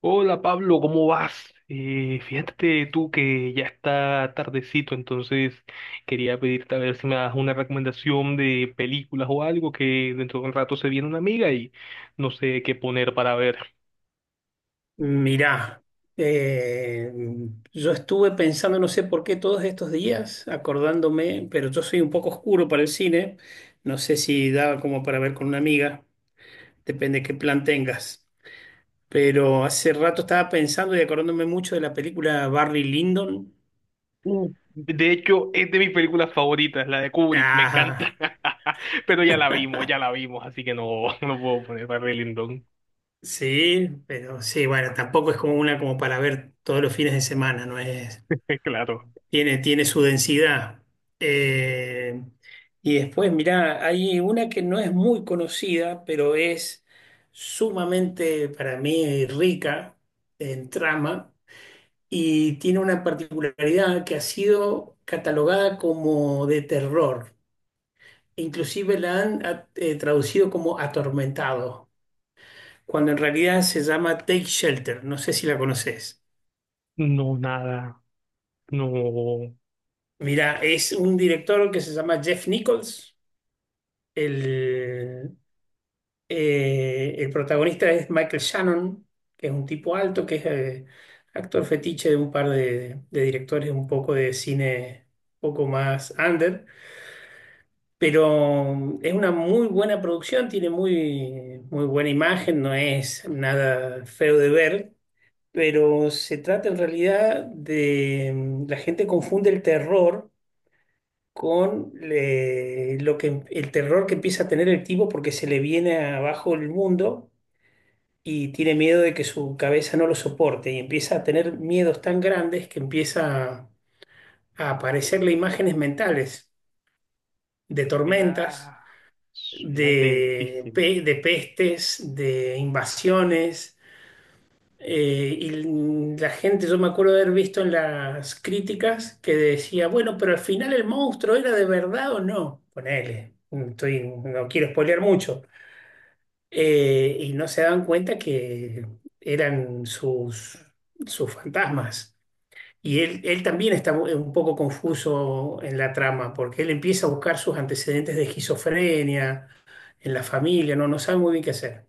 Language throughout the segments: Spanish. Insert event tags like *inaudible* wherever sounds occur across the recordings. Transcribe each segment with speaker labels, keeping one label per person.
Speaker 1: Hola Pablo, ¿cómo vas? Fíjate tú que ya está tardecito, entonces quería pedirte a ver si me das una recomendación de películas o algo que dentro de un rato se viene una amiga y no sé qué poner para ver.
Speaker 2: Mirá, eh, yo estuve pensando, no sé por qué todos estos días, acordándome, pero yo soy un poco oscuro para el cine, no sé si daba como para ver con una amiga, depende qué plan tengas, pero hace rato estaba pensando y acordándome mucho de la película Barry Lyndon.
Speaker 1: De hecho, es de mis películas favoritas, la de Kubrick, me
Speaker 2: Ah,
Speaker 1: encanta. *laughs* Pero ya la vimos, así que no, *laughs* no puedo poner para Lindon,
Speaker 2: sí, pero sí, bueno, tampoco es como una como para ver todos los fines de semana, no es...
Speaker 1: *laughs* claro.
Speaker 2: Tiene su densidad. Eh, y después, mirá, hay una que no es muy conocida, pero es sumamente para mí rica en trama y tiene una particularidad que ha sido catalogada como de terror. Inclusive la han traducido como atormentado, cuando en realidad se llama Take Shelter. No sé si la conoces.
Speaker 1: No, nada, no,
Speaker 2: Mira, es un director que se llama Jeff Nichols. El, el protagonista es Michael Shannon, que es un tipo alto, que es actor fetiche de un par de directores un poco de cine, un poco más under, pero es una muy buena producción, tiene muy, muy buena imagen, no es nada feo de ver, pero se trata en realidad de la gente confunde el terror con lo que el terror que empieza a tener el tipo porque se le viene abajo el mundo y tiene miedo de que su cabeza no lo soporte y empieza a tener miedos tan grandes que empieza a aparecerle imágenes mentales de tormentas,
Speaker 1: suena, suena
Speaker 2: de,
Speaker 1: densísimo.
Speaker 2: de pestes, de invasiones. Y la gente, yo me acuerdo de haber visto en las críticas que decía, bueno, pero al final el monstruo era de verdad o no. Ponele, estoy, no quiero spoilear mucho. Y no se daban cuenta que eran sus fantasmas. Y él también está un poco confuso en la trama, porque él empieza a buscar sus antecedentes de esquizofrenia en la familia, no, no sabe muy bien qué hacer.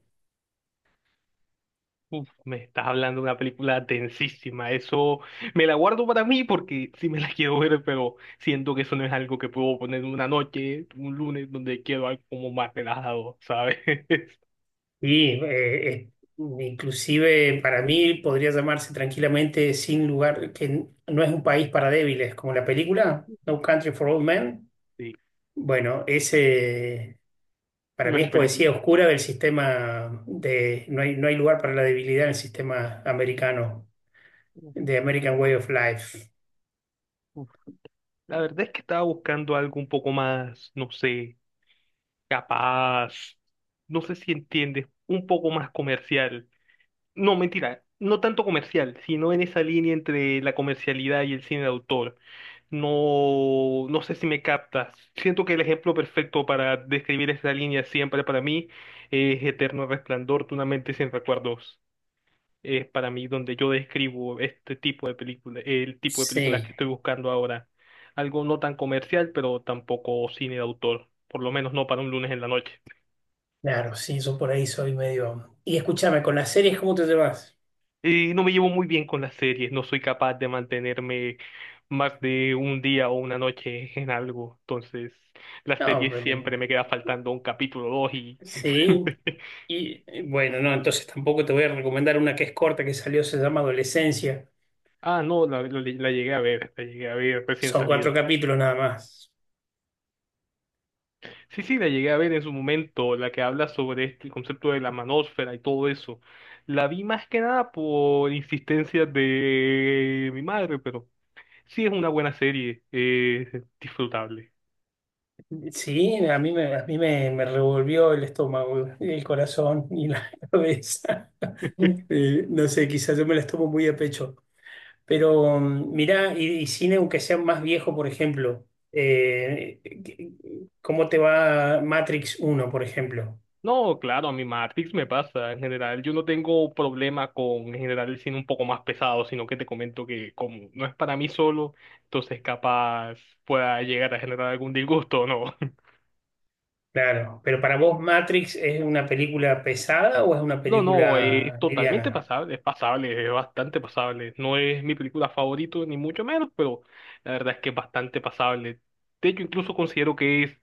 Speaker 1: Uf, me estás hablando de una película tensísima. Eso me la guardo para mí porque sí me la *laughs* quiero ver, pero siento que eso no es algo que puedo poner una noche, un lunes, donde quiero algo como más relajado, ¿sabes? *laughs*
Speaker 2: Y inclusive para mí podría llamarse tranquilamente sin lugar, que no es un país para débiles, como la película No Country for Old Men.
Speaker 1: Sí,
Speaker 2: Bueno, ese para
Speaker 1: no
Speaker 2: mí
Speaker 1: es
Speaker 2: es
Speaker 1: película.
Speaker 2: poesía oscura del sistema de, no hay lugar para la debilidad en el sistema americano,
Speaker 1: Uf,
Speaker 2: de American Way of Life.
Speaker 1: uf. La verdad es que estaba buscando algo un poco más, no sé, capaz, no sé si entiendes, un poco más comercial. No, mentira, no tanto comercial, sino en esa línea entre la comercialidad y el cine de autor. No, no sé si me captas. Siento que el ejemplo perfecto para describir esa línea siempre para mí es Eterno Resplandor de una mente sin recuerdos. Es para mí donde yo describo este tipo de película, el tipo de películas
Speaker 2: Sí,
Speaker 1: que estoy buscando ahora. Algo no tan comercial, pero tampoco cine de autor, por lo menos no para un lunes en la noche.
Speaker 2: claro, sí, yo por ahí soy medio... Y escúchame, con las series, ¿cómo te llevas?
Speaker 1: Y no me llevo muy bien con las series, no soy capaz de mantenerme más de un día o una noche en algo, entonces las
Speaker 2: No,
Speaker 1: series
Speaker 2: pero...
Speaker 1: siempre me queda faltando un capítulo o dos y... *laughs*
Speaker 2: Sí, y bueno, no, entonces tampoco te voy a recomendar una que es corta, que salió, se llama Adolescencia.
Speaker 1: Ah, no, la llegué a ver, la llegué a ver recién
Speaker 2: Son cuatro
Speaker 1: salida.
Speaker 2: capítulos nada más.
Speaker 1: Sí, sí, la llegué a ver en su momento, la que habla sobre este concepto de la manósfera y todo eso. La vi más que nada por insistencia de mi madre, pero sí es una buena serie, disfrutable.
Speaker 2: Sí, me revolvió el estómago, el corazón y la *laughs* cabeza. No sé, quizás yo me las tomo muy a pecho. Pero mirá, y cine, aunque sea más viejo, por ejemplo, eh, ¿qué- ¿cómo te va Matrix uno, por ejemplo?
Speaker 1: No, claro, a mi Matrix me pasa. En general, yo no tengo problema con en general el cine un poco más pesado, sino que te comento que como no es para mí solo, entonces capaz pueda llegar a generar algún disgusto, o ¿no? *laughs*
Speaker 2: Claro, pero ¿para vos Matrix es una película pesada o es una
Speaker 1: No, no, es
Speaker 2: película
Speaker 1: totalmente
Speaker 2: liviana?
Speaker 1: pasable, es bastante pasable. No es mi película favorita, ni mucho menos, pero la verdad es que es bastante pasable. De hecho, incluso considero que es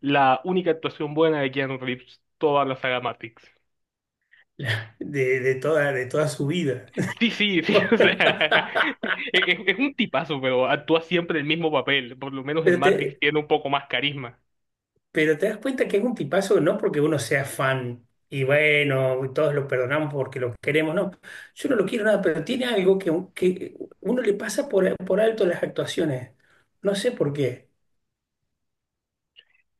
Speaker 1: la única actuación buena de Keanu Reeves, toda la saga Matrix.
Speaker 2: *laughs* De toda su vida.
Speaker 1: Sí, sí, sí, *laughs* o sea,
Speaker 2: *laughs*
Speaker 1: es un tipazo, pero actúa siempre el mismo papel, por lo menos en
Speaker 2: Pero
Speaker 1: Matrix
Speaker 2: te,
Speaker 1: tiene un poco más carisma.
Speaker 2: Pero te das cuenta que es un tipazo, no porque uno sea fan y bueno, todos lo perdonamos porque lo queremos, no. Yo no lo quiero nada, pero tiene algo que uno le pasa por alto las actuaciones. No sé por qué.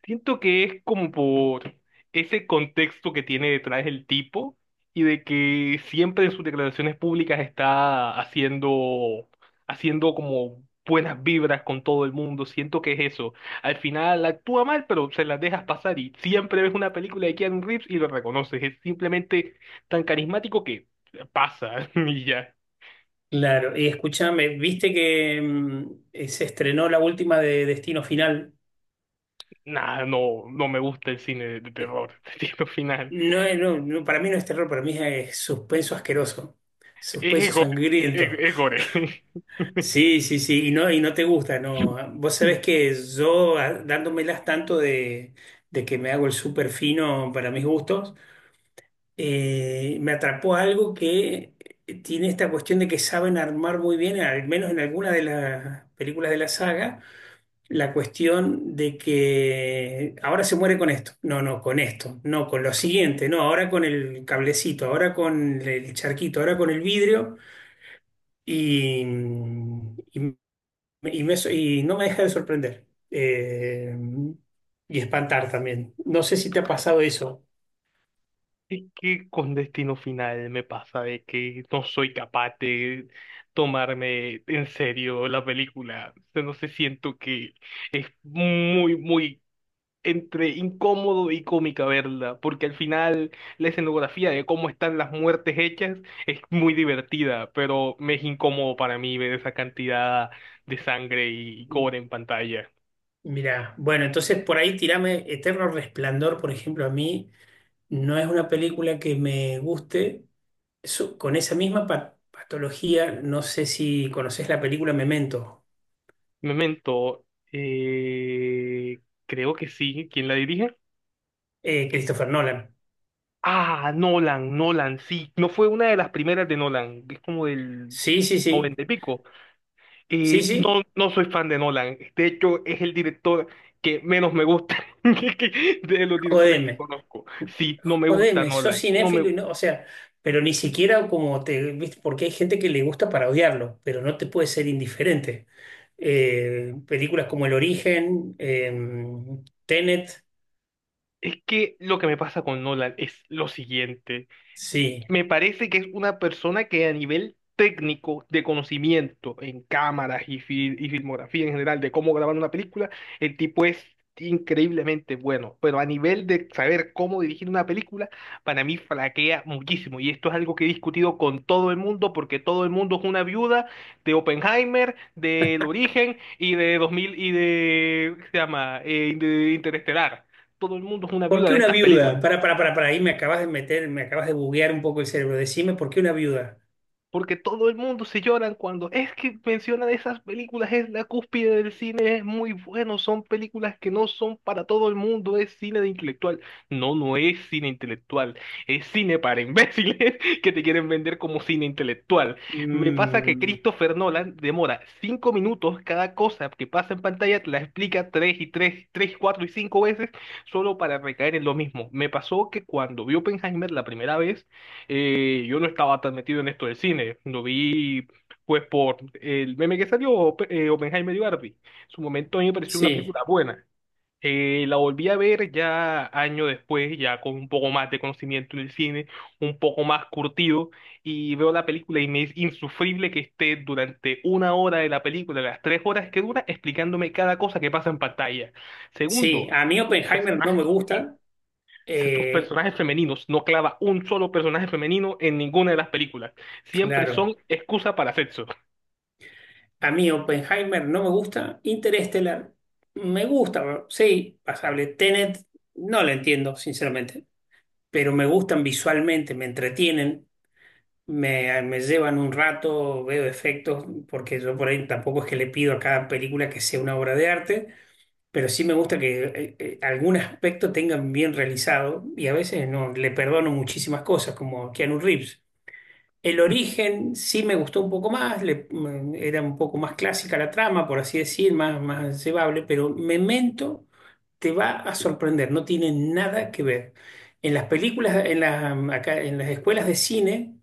Speaker 1: Siento que es como por ese contexto que tiene detrás el tipo y de que siempre en sus declaraciones públicas está haciendo como buenas vibras con todo el mundo. Siento que es eso. Al final actúa mal, pero se las dejas pasar y siempre ves una película de Keanu Reeves y lo reconoces. Es simplemente tan carismático que pasa *laughs* y ya.
Speaker 2: Claro, y escúchame, viste que se estrenó la última de Destino Final.
Speaker 1: Nada, no, no me gusta el cine de terror. *laughs* Siento final.
Speaker 2: No, no, no, para mí no es terror, para mí es suspenso asqueroso,
Speaker 1: Es
Speaker 2: suspenso
Speaker 1: gore.
Speaker 2: sangriento.
Speaker 1: Es gore. *laughs*
Speaker 2: Sí, sí, sí, y no te gusta, no. Vos sabés que yo, dándomelas tanto de que me hago el súper fino para mis gustos, me atrapó algo que tiene esta cuestión de que saben armar muy bien, al menos en alguna de las películas de la saga, la cuestión de que ahora se muere con esto, no, no, con esto, no, con lo siguiente, no, ahora con el cablecito, ahora con el charquito, ahora con el vidrio. Y, mm, y y no me deja de sorprender. Y espantar también. No sé si te ha pasado eso.
Speaker 1: Es que con Destino Final me pasa de que no soy capaz de tomarme en serio la película. O sea, no sé, siento que muy, muy entre incómodo y cómica verla, porque al final la escenografía de cómo están las muertes hechas es muy divertida, pero me es incómodo para mí ver esa cantidad de sangre y gore en pantalla.
Speaker 2: Mira, bueno, entonces por ahí tirame Eterno Resplandor, por ejemplo, a mí no es una película que me guste. Con esa misma patología. No sé si conoces la película Memento.
Speaker 1: Memento, eh, creo que sí. ¿Quién la dirige?
Speaker 2: Christopher Nolan.
Speaker 1: Ah, Nolan, Nolan, sí. No fue una de las primeras de Nolan. Es como del
Speaker 2: Sí, sí, sí.
Speaker 1: noventa y pico.
Speaker 2: Sí,
Speaker 1: Y
Speaker 2: sí.
Speaker 1: no, no soy fan de Nolan. De hecho, es el director que menos me gusta *laughs* de los directores que
Speaker 2: Jodeme.
Speaker 1: conozco. Sí, no me gusta
Speaker 2: Jodeme, sos
Speaker 1: Nolan. No
Speaker 2: cinéfilo
Speaker 1: me...
Speaker 2: y no, o sea, pero ni siquiera como te, ¿viste? Porque hay gente que le gusta para odiarlo, pero no te puede ser indiferente. Películas como El Origen, Tenet,
Speaker 1: Es que lo que me pasa con Nolan es lo siguiente.
Speaker 2: sí.
Speaker 1: Me parece que es una persona que a nivel técnico de conocimiento en cámaras y, y filmografía en general de cómo grabar una película, el tipo es increíblemente bueno, pero a nivel de saber cómo dirigir una película, para mí flaquea muchísimo y esto es algo que he discutido con todo el mundo porque todo el mundo es una viuda de Oppenheimer, del Origen y de 2000 y de, ¿qué se llama? De Interestelar. Todo el mundo es una
Speaker 2: ¿Por
Speaker 1: viuda
Speaker 2: qué
Speaker 1: de
Speaker 2: una
Speaker 1: estas
Speaker 2: viuda?
Speaker 1: películas.
Speaker 2: Para, ahí me acabas de meter, me acabas de buguear un poco el cerebro. Decime, ¿por qué una viuda?
Speaker 1: Porque todo el mundo se lloran cuando es que mencionan esas películas, es la cúspide del cine, es muy bueno, son películas que no son para todo el mundo, es cine de intelectual. No, no es cine intelectual, es cine para imbéciles *laughs* que te quieren vender como cine intelectual. Me pasa que
Speaker 2: Mm,
Speaker 1: Christopher Nolan demora 5 minutos cada cosa que pasa en pantalla, te la explica tres y tres, tres, cuatro y cinco veces solo para recaer en lo mismo. Me pasó que cuando vi Oppenheimer la primera vez, yo no estaba tan metido en esto del cine. Lo vi, pues, por el meme que salió, Oppenheimer y Barbie. En su momento a mí me pareció una
Speaker 2: sí,
Speaker 1: película buena. La volví a ver ya años después, ya con un poco más de conocimiento del cine, un poco más curtido, y veo la película y me es insufrible que esté durante 1 hora de la película, las 3 horas que dura, explicándome cada cosa que pasa en pantalla.
Speaker 2: sí,
Speaker 1: Segundo,
Speaker 2: a mí
Speaker 1: los
Speaker 2: Oppenheimer no me
Speaker 1: personajes
Speaker 2: gusta.
Speaker 1: estos
Speaker 2: Eh,
Speaker 1: personajes femeninos, no clava un solo personaje femenino en ninguna de las películas. Siempre
Speaker 2: claro.
Speaker 1: son excusa para sexo.
Speaker 2: A mí Oppenheimer no me gusta. Interstellar me gusta, sí, pasable. Tenet no la entiendo, sinceramente, pero me gustan visualmente, me entretienen, me llevan un rato, veo efectos, porque yo por ahí tampoco es que le pido a cada película que sea una obra de arte, pero sí me gusta que algún aspecto tengan bien realizado y a veces no, le perdono muchísimas cosas, como a Keanu Reeves. El
Speaker 1: *laughs*
Speaker 2: origen sí me gustó un poco más, era un poco más clásica la trama, por así decir, más, más llevable, pero Memento te va a sorprender, no tiene nada que ver. En las películas, acá, en las escuelas de cine,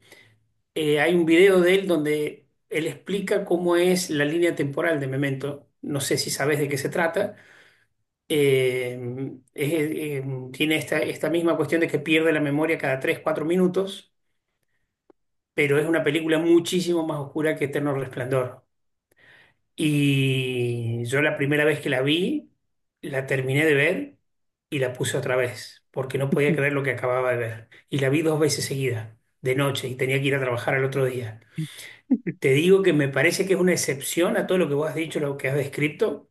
Speaker 2: hay un video de él donde él explica cómo es la línea temporal de Memento. No sé si sabes de qué se trata. Eh, es, eh, Tiene esta misma cuestión de que pierde la memoria cada 3 4 minutos, pero es una película muchísimo más oscura que Eterno Resplandor. Y yo la primera vez que la vi, la terminé de ver y la puse otra vez, porque no podía creer lo que acababa de ver. Y la vi dos veces seguida, de noche, y tenía que ir a trabajar al otro día. Te digo que me parece que es una excepción a todo lo que vos has dicho, lo que has descrito,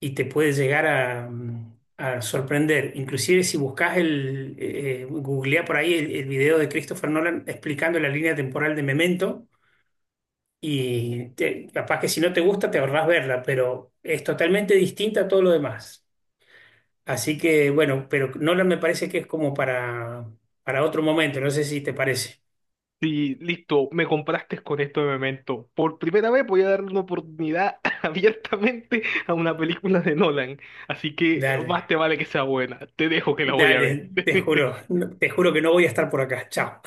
Speaker 2: y te puede llegar a, a sorprender. Inclusive si buscas el, googleá por ahí el video de Christopher Nolan explicando la línea temporal de Memento. Capaz que si no te gusta, te ahorrás verla, pero es totalmente distinta a todo lo demás. Así que, bueno, pero Nolan me parece que es como para otro momento, no sé si te parece.
Speaker 1: Sí, listo, me compraste con esto de Memento. Por primera vez voy a darle una oportunidad *laughs* abiertamente a una película de Nolan. Así que
Speaker 2: Dale,
Speaker 1: más te vale que sea buena. Te dejo que la voy a ver.
Speaker 2: dale, te juro,
Speaker 1: *laughs*
Speaker 2: te juro que no voy a estar por acá. Chao.